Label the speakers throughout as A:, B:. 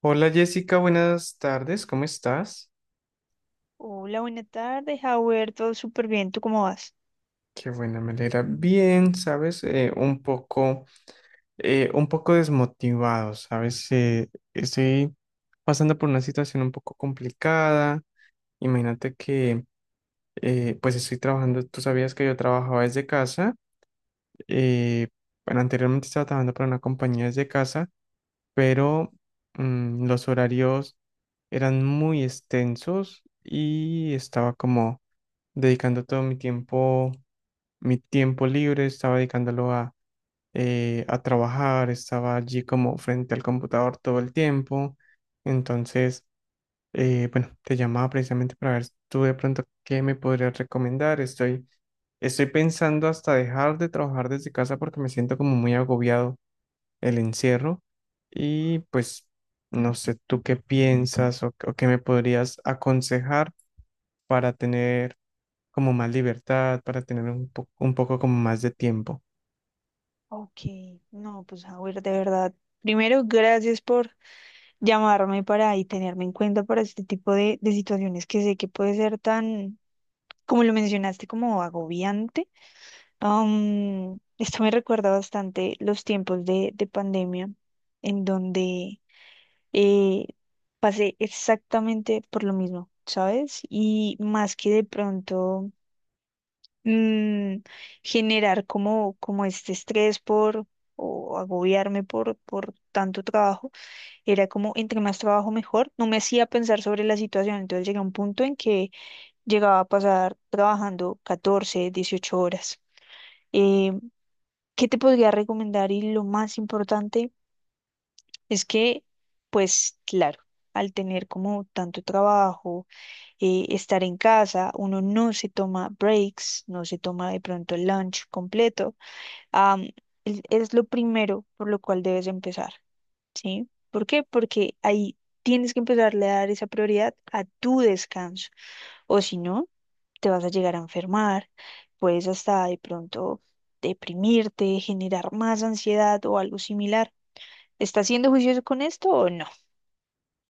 A: Hola Jessica, buenas tardes, ¿cómo estás?
B: Hola, buenas tardes, Howard. Todo súper bien. ¿Tú cómo vas?
A: Qué buena, me alegra bien, ¿sabes? Un poco desmotivado, ¿sabes? Estoy pasando por una situación un poco complicada. Imagínate que, pues estoy trabajando, tú sabías que yo trabajaba desde casa. Eh, bueno, anteriormente estaba trabajando para una compañía desde casa, pero los horarios eran muy extensos y estaba como dedicando todo mi tiempo libre, estaba dedicándolo a trabajar. Estaba allí como frente al computador todo el tiempo. Entonces, bueno, te llamaba precisamente para ver tú de pronto qué me podrías recomendar. Estoy pensando hasta dejar de trabajar desde casa porque me siento como muy agobiado el encierro, y pues no sé tú qué piensas, o qué me podrías aconsejar para tener como más libertad, para tener un poco como más de tiempo.
B: Ok, no, pues Howard, de verdad. Primero, gracias por llamarme para tenerme en cuenta para este tipo de situaciones que sé que puede ser tan, como lo mencionaste, como agobiante. Esto me recuerda bastante los tiempos de pandemia, en donde eh, pasé exactamente por lo mismo, ¿sabes? Y más que de pronto. mm, Generar como este estrés por o agobiarme por tanto trabajo. Era como entre más trabajo mejor. No me hacía pensar sobre la situación. Entonces llegué a un punto en que llegaba a pasar trabajando 14 a 18 horas. Eh, ¿Qué te podría recomendar? Y lo más importante es que, pues claro, al tener como tanto trabajo, estar en casa, uno no se toma breaks, no se toma de pronto el lunch completo. am, es lo primero por lo cual debes empezar, ¿sí? ¿Por qué? Porque ahí tienes que empezarle a dar esa prioridad a tu descanso, o si no, te vas a llegar a enfermar, puedes hasta de pronto deprimirte, generar más ansiedad o algo similar. ¿Estás siendo juicioso con esto o no?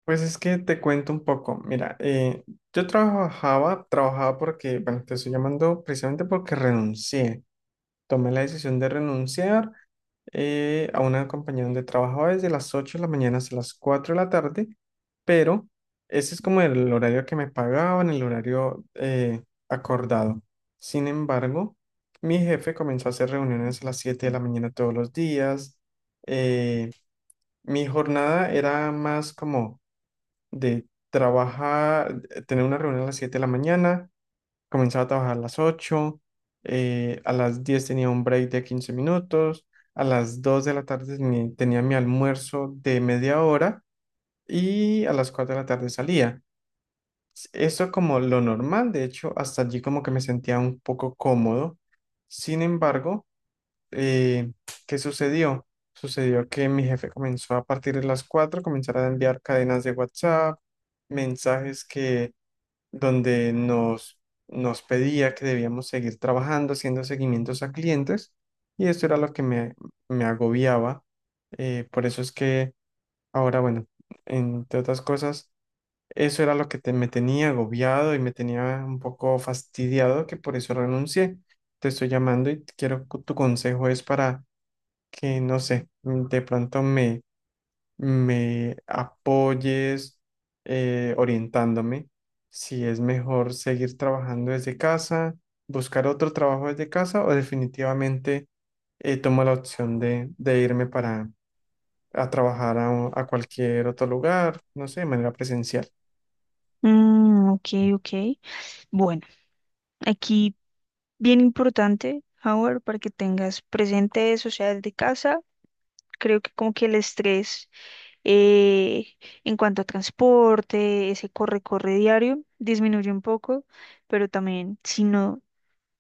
A: Pues es que te cuento un poco. Mira, yo trabajaba porque, bueno, te estoy llamando precisamente porque renuncié. Tomé la decisión de renunciar a una compañía donde trabajaba desde las 8 de la mañana hasta las 4 de la tarde. Pero ese es como el horario que me pagaban, el horario acordado. Sin embargo, mi jefe comenzó a hacer reuniones a las 7 de la mañana todos los días. Eh, mi jornada era más como de trabajar, tener una reunión a las 7 de la mañana, comenzaba a trabajar a las 8, a las 10 tenía un break de 15 minutos, a las 2 de la tarde tenía mi almuerzo de 1/2 hora, y a las 4 de la tarde salía. Eso como lo normal, de hecho, hasta allí como que me sentía un poco cómodo. Sin embargo, eh, ¿qué sucedió? Sucedió que mi jefe comenzó a partir de las 4 comenzar a enviar cadenas de WhatsApp, mensajes que donde nos pedía que debíamos seguir trabajando, haciendo seguimientos a clientes, y esto era lo que me agobiaba. Por eso es que ahora, bueno, entre otras cosas, eso era lo que me tenía agobiado y me tenía un poco fastidiado, que por eso renuncié. Te estoy llamando y quiero tu consejo es para que no sé, de pronto me apoyes orientándome si es mejor seguir trabajando desde casa, buscar otro trabajo desde casa, o definitivamente tomo la opción de irme para a trabajar a, a cualquier otro lugar, no sé, de manera presencial.
B: Ok, ok. Bueno, aquí bien importante, Howard, para que tengas presente eso, sea desde casa. Creo que como que el estrés eh, en cuanto a transporte, ese corre-corre diario, disminuye un poco, pero también si no,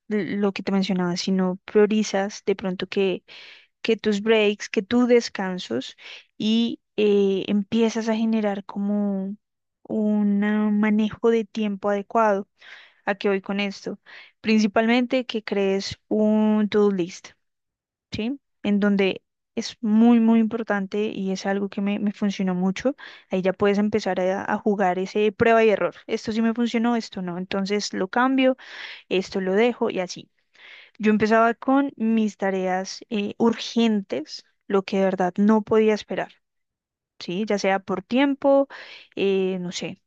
B: lo que te mencionaba, si no priorizas de pronto que tus breaks, que tus descansos y empiezas a generar como un manejo de tiempo adecuado. ¿A qué voy con esto? Principalmente que crees un to-do list. ¿Sí? En donde es muy, muy importante y es algo que me funcionó mucho. Ahí ya puedes empezar a jugar ese prueba y error. Esto sí me funcionó, esto no. Entonces lo cambio, esto lo dejo y así. Yo empezaba con mis tareas urgentes, lo que de verdad no podía esperar. Sí, ya sea por tiempo, no sé,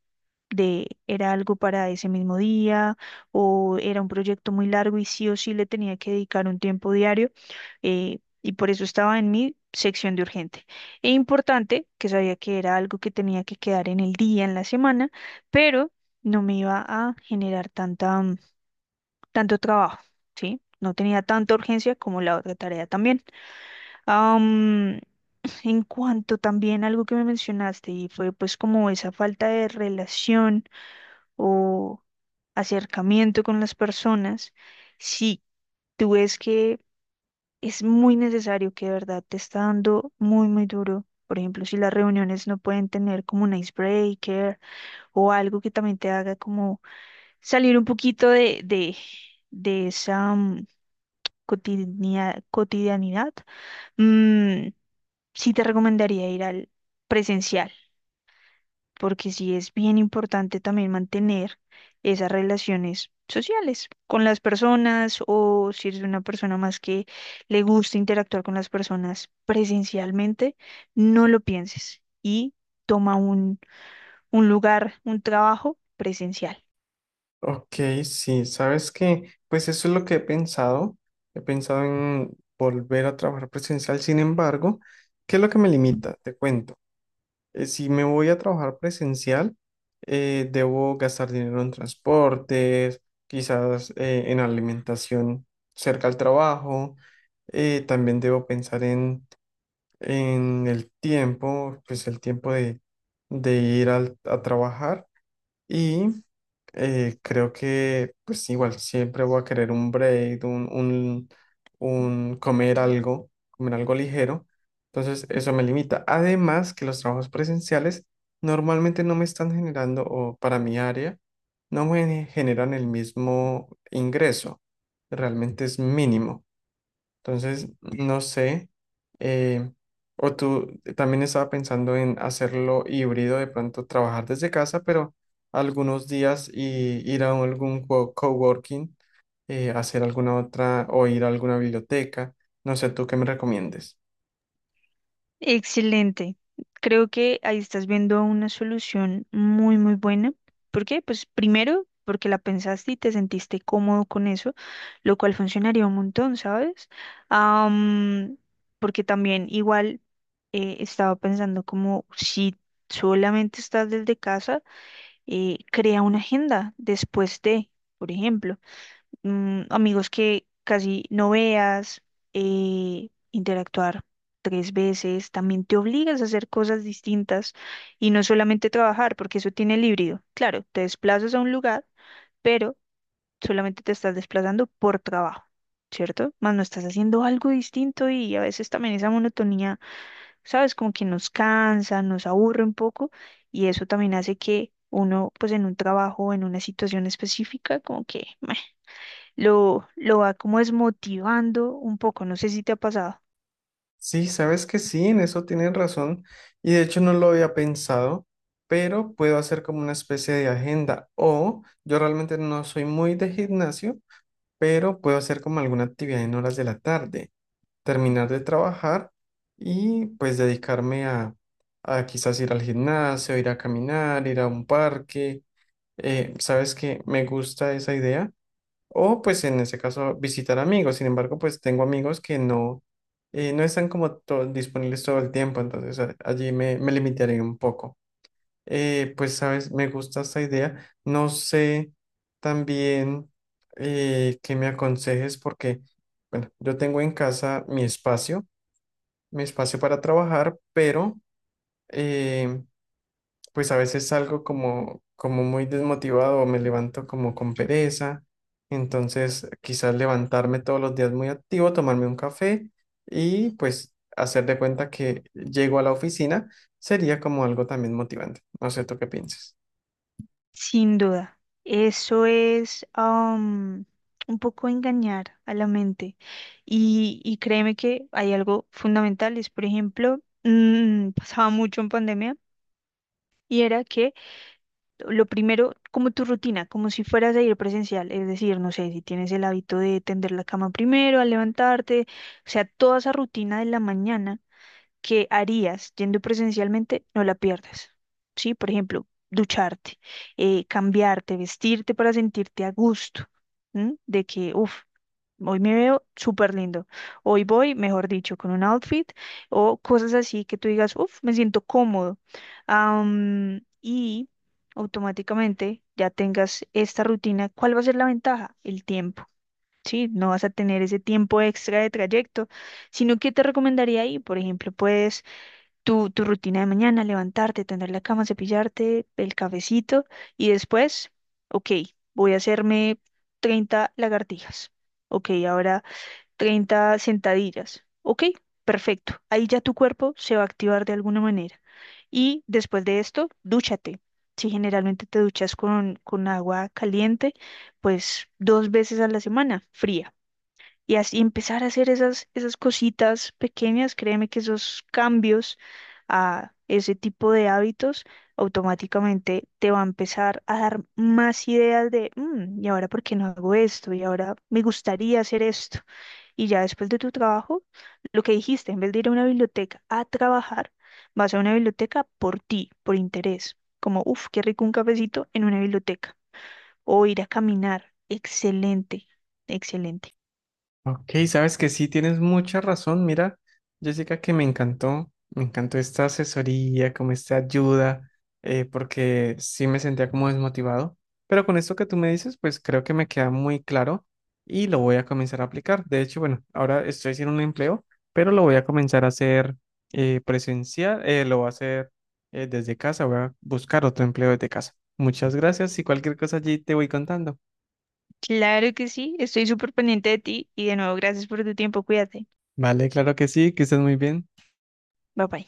B: de era algo para ese mismo día o era un proyecto muy largo y sí o sí le tenía que dedicar un tiempo diario, y por eso estaba en mi sección de urgente e importante, que sabía que era algo que tenía que quedar en el día, en la semana, pero no me iba a generar tanta, tanto trabajo, ¿sí? No tenía tanta urgencia como la otra tarea también. Am, en cuanto también algo que me mencionaste y fue pues como esa falta de relación o acercamiento con las personas, si tú ves que es muy necesario que de verdad te está dando muy, muy duro. Por ejemplo, si las reuniones no pueden tener como un icebreaker o algo que también te haga como salir un poquito de esa cotidianidad, mm, sí te recomendaría ir al presencial porque sí es bien importante también mantener esas relaciones sociales con las personas o si eres una persona más que le gusta interactuar con las personas presencialmente, no lo pienses y toma un lugar, un trabajo presencial.
A: Ok, sí, sabes que pues eso es lo que he pensado. He pensado en volver a trabajar presencial. Sin embargo, ¿qué es lo que me limita? Te cuento. Si me voy a trabajar presencial, debo gastar dinero en transportes, quizás en alimentación cerca al trabajo. También debo pensar en el tiempo, pues el tiempo de ir a trabajar. Y creo que pues igual siempre voy a querer un break, un comer algo ligero. Entonces eso me limita. Además que los trabajos presenciales normalmente no me están generando, o para mi área, no me generan el mismo ingreso. Realmente es mínimo. Entonces, no sé, eh, o tú también estaba pensando en hacerlo híbrido, de pronto trabajar desde casa, pero algunos días, y ir a algún coworking, hacer alguna otra o ir a alguna biblioteca. No sé, ¿tú qué me recomiendes?
B: Excelente. Creo que ahí estás viendo una solución muy, muy buena. ¿Por qué? Pues primero, porque la pensaste y te sentiste cómodo con eso, lo cual funcionaría un montón, ¿sabes? Am, Porque también igual estaba pensando como si solamente estás desde casa, crea una agenda después de, por ejemplo amigos que casi no veas, interactuar 3 veces, también te obligas a hacer cosas distintas y no solamente trabajar, porque eso tiene el híbrido. Claro, te desplazas a un lugar, pero solamente te estás desplazando por trabajo, ¿cierto? Más no estás haciendo algo distinto y a veces también esa monotonía, ¿sabes? Como que nos cansa, nos aburre un poco y eso también hace que uno, pues en un trabajo, en una situación específica, como que lo va como desmotivando un poco, no sé si te ha pasado.
A: Sí, sabes que sí, en eso tienen razón, y de hecho no lo había pensado, pero puedo hacer como una especie de agenda. O yo realmente no soy muy de gimnasio, pero puedo hacer como alguna actividad en horas de la tarde, terminar de trabajar y pues dedicarme a quizás ir al gimnasio, ir a caminar, ir a un parque. ¿Sabes qué? Me gusta esa idea. O pues en ese caso visitar amigos. Sin embargo, pues tengo amigos que no, no están como disponibles todo el tiempo, entonces allí me limitaré un poco. Pues, sabes, me gusta esta idea. No sé también qué me aconsejes porque, bueno, yo tengo en casa mi espacio para trabajar, pero eh, pues a veces salgo como muy desmotivado o me levanto como con pereza. Entonces, quizás levantarme todos los días muy activo, tomarme un café y pues hacer de cuenta que llego a la oficina sería como algo también motivante. No sé, ¿tú qué piensas?
B: Sin duda, eso es un poco engañar a la mente. Y créeme que hay algo fundamental, es por ejemplo, pasaba mucho en pandemia y era que lo primero, como tu rutina, como si fueras a ir presencial, es decir, no sé, si tienes el hábito de tender la cama primero, al levantarte, o sea, toda esa rutina de la mañana que harías yendo presencialmente, no la pierdas. ¿Sí? Por ejemplo, ducharte, cambiarte, vestirte para sentirte a gusto, ¿m? De que, uff, hoy me veo súper lindo, hoy voy, mejor dicho, con un outfit o cosas así que tú digas, uff, me siento cómodo. Y automáticamente ya tengas esta rutina, ¿cuál va a ser la ventaja? El tiempo. Sí, no vas a tener ese tiempo extra de trayecto, sino que te recomendaría ahí, por ejemplo, puedes tu rutina de mañana, levantarte, tender la cama, cepillarte, el cafecito y después, ok, voy a hacerme 30 lagartijas. Ok, ahora 30 sentadillas. Ok, perfecto. Ahí ya tu cuerpo se va a activar de alguna manera. Y después de esto, dúchate. Si generalmente te duchas con agua caliente, pues 2 veces a la semana, fría. Y así empezar a hacer esas, esas cositas pequeñas, créeme que esos cambios a ese tipo de hábitos automáticamente te va a empezar a dar más ideas de, "Mm, y ahora por qué no hago esto, y ahora me gustaría hacer esto." Y ya después de tu trabajo, lo que dijiste, en vez de ir a una biblioteca a trabajar, vas a una biblioteca por ti, por interés, como, uff, qué rico un cafecito en una biblioteca, o ir a caminar, excelente, excelente.
A: Ok, sabes que sí, tienes mucha razón. Mira, Jessica, que me encantó esta asesoría, como esta ayuda, porque sí me sentía como desmotivado. Pero con esto que tú me dices, pues creo que me queda muy claro y lo voy a comenzar a aplicar. De hecho, bueno, ahora estoy sin un empleo, pero lo voy a comenzar a hacer presencial, lo voy a hacer desde casa, voy a buscar otro empleo desde casa. Muchas gracias, y cualquier cosa allí te voy contando.
B: Claro que sí, estoy súper pendiente de ti y de nuevo gracias por tu tiempo, cuídate.
A: Vale, claro que sí, que estés muy bien.
B: Bye bye.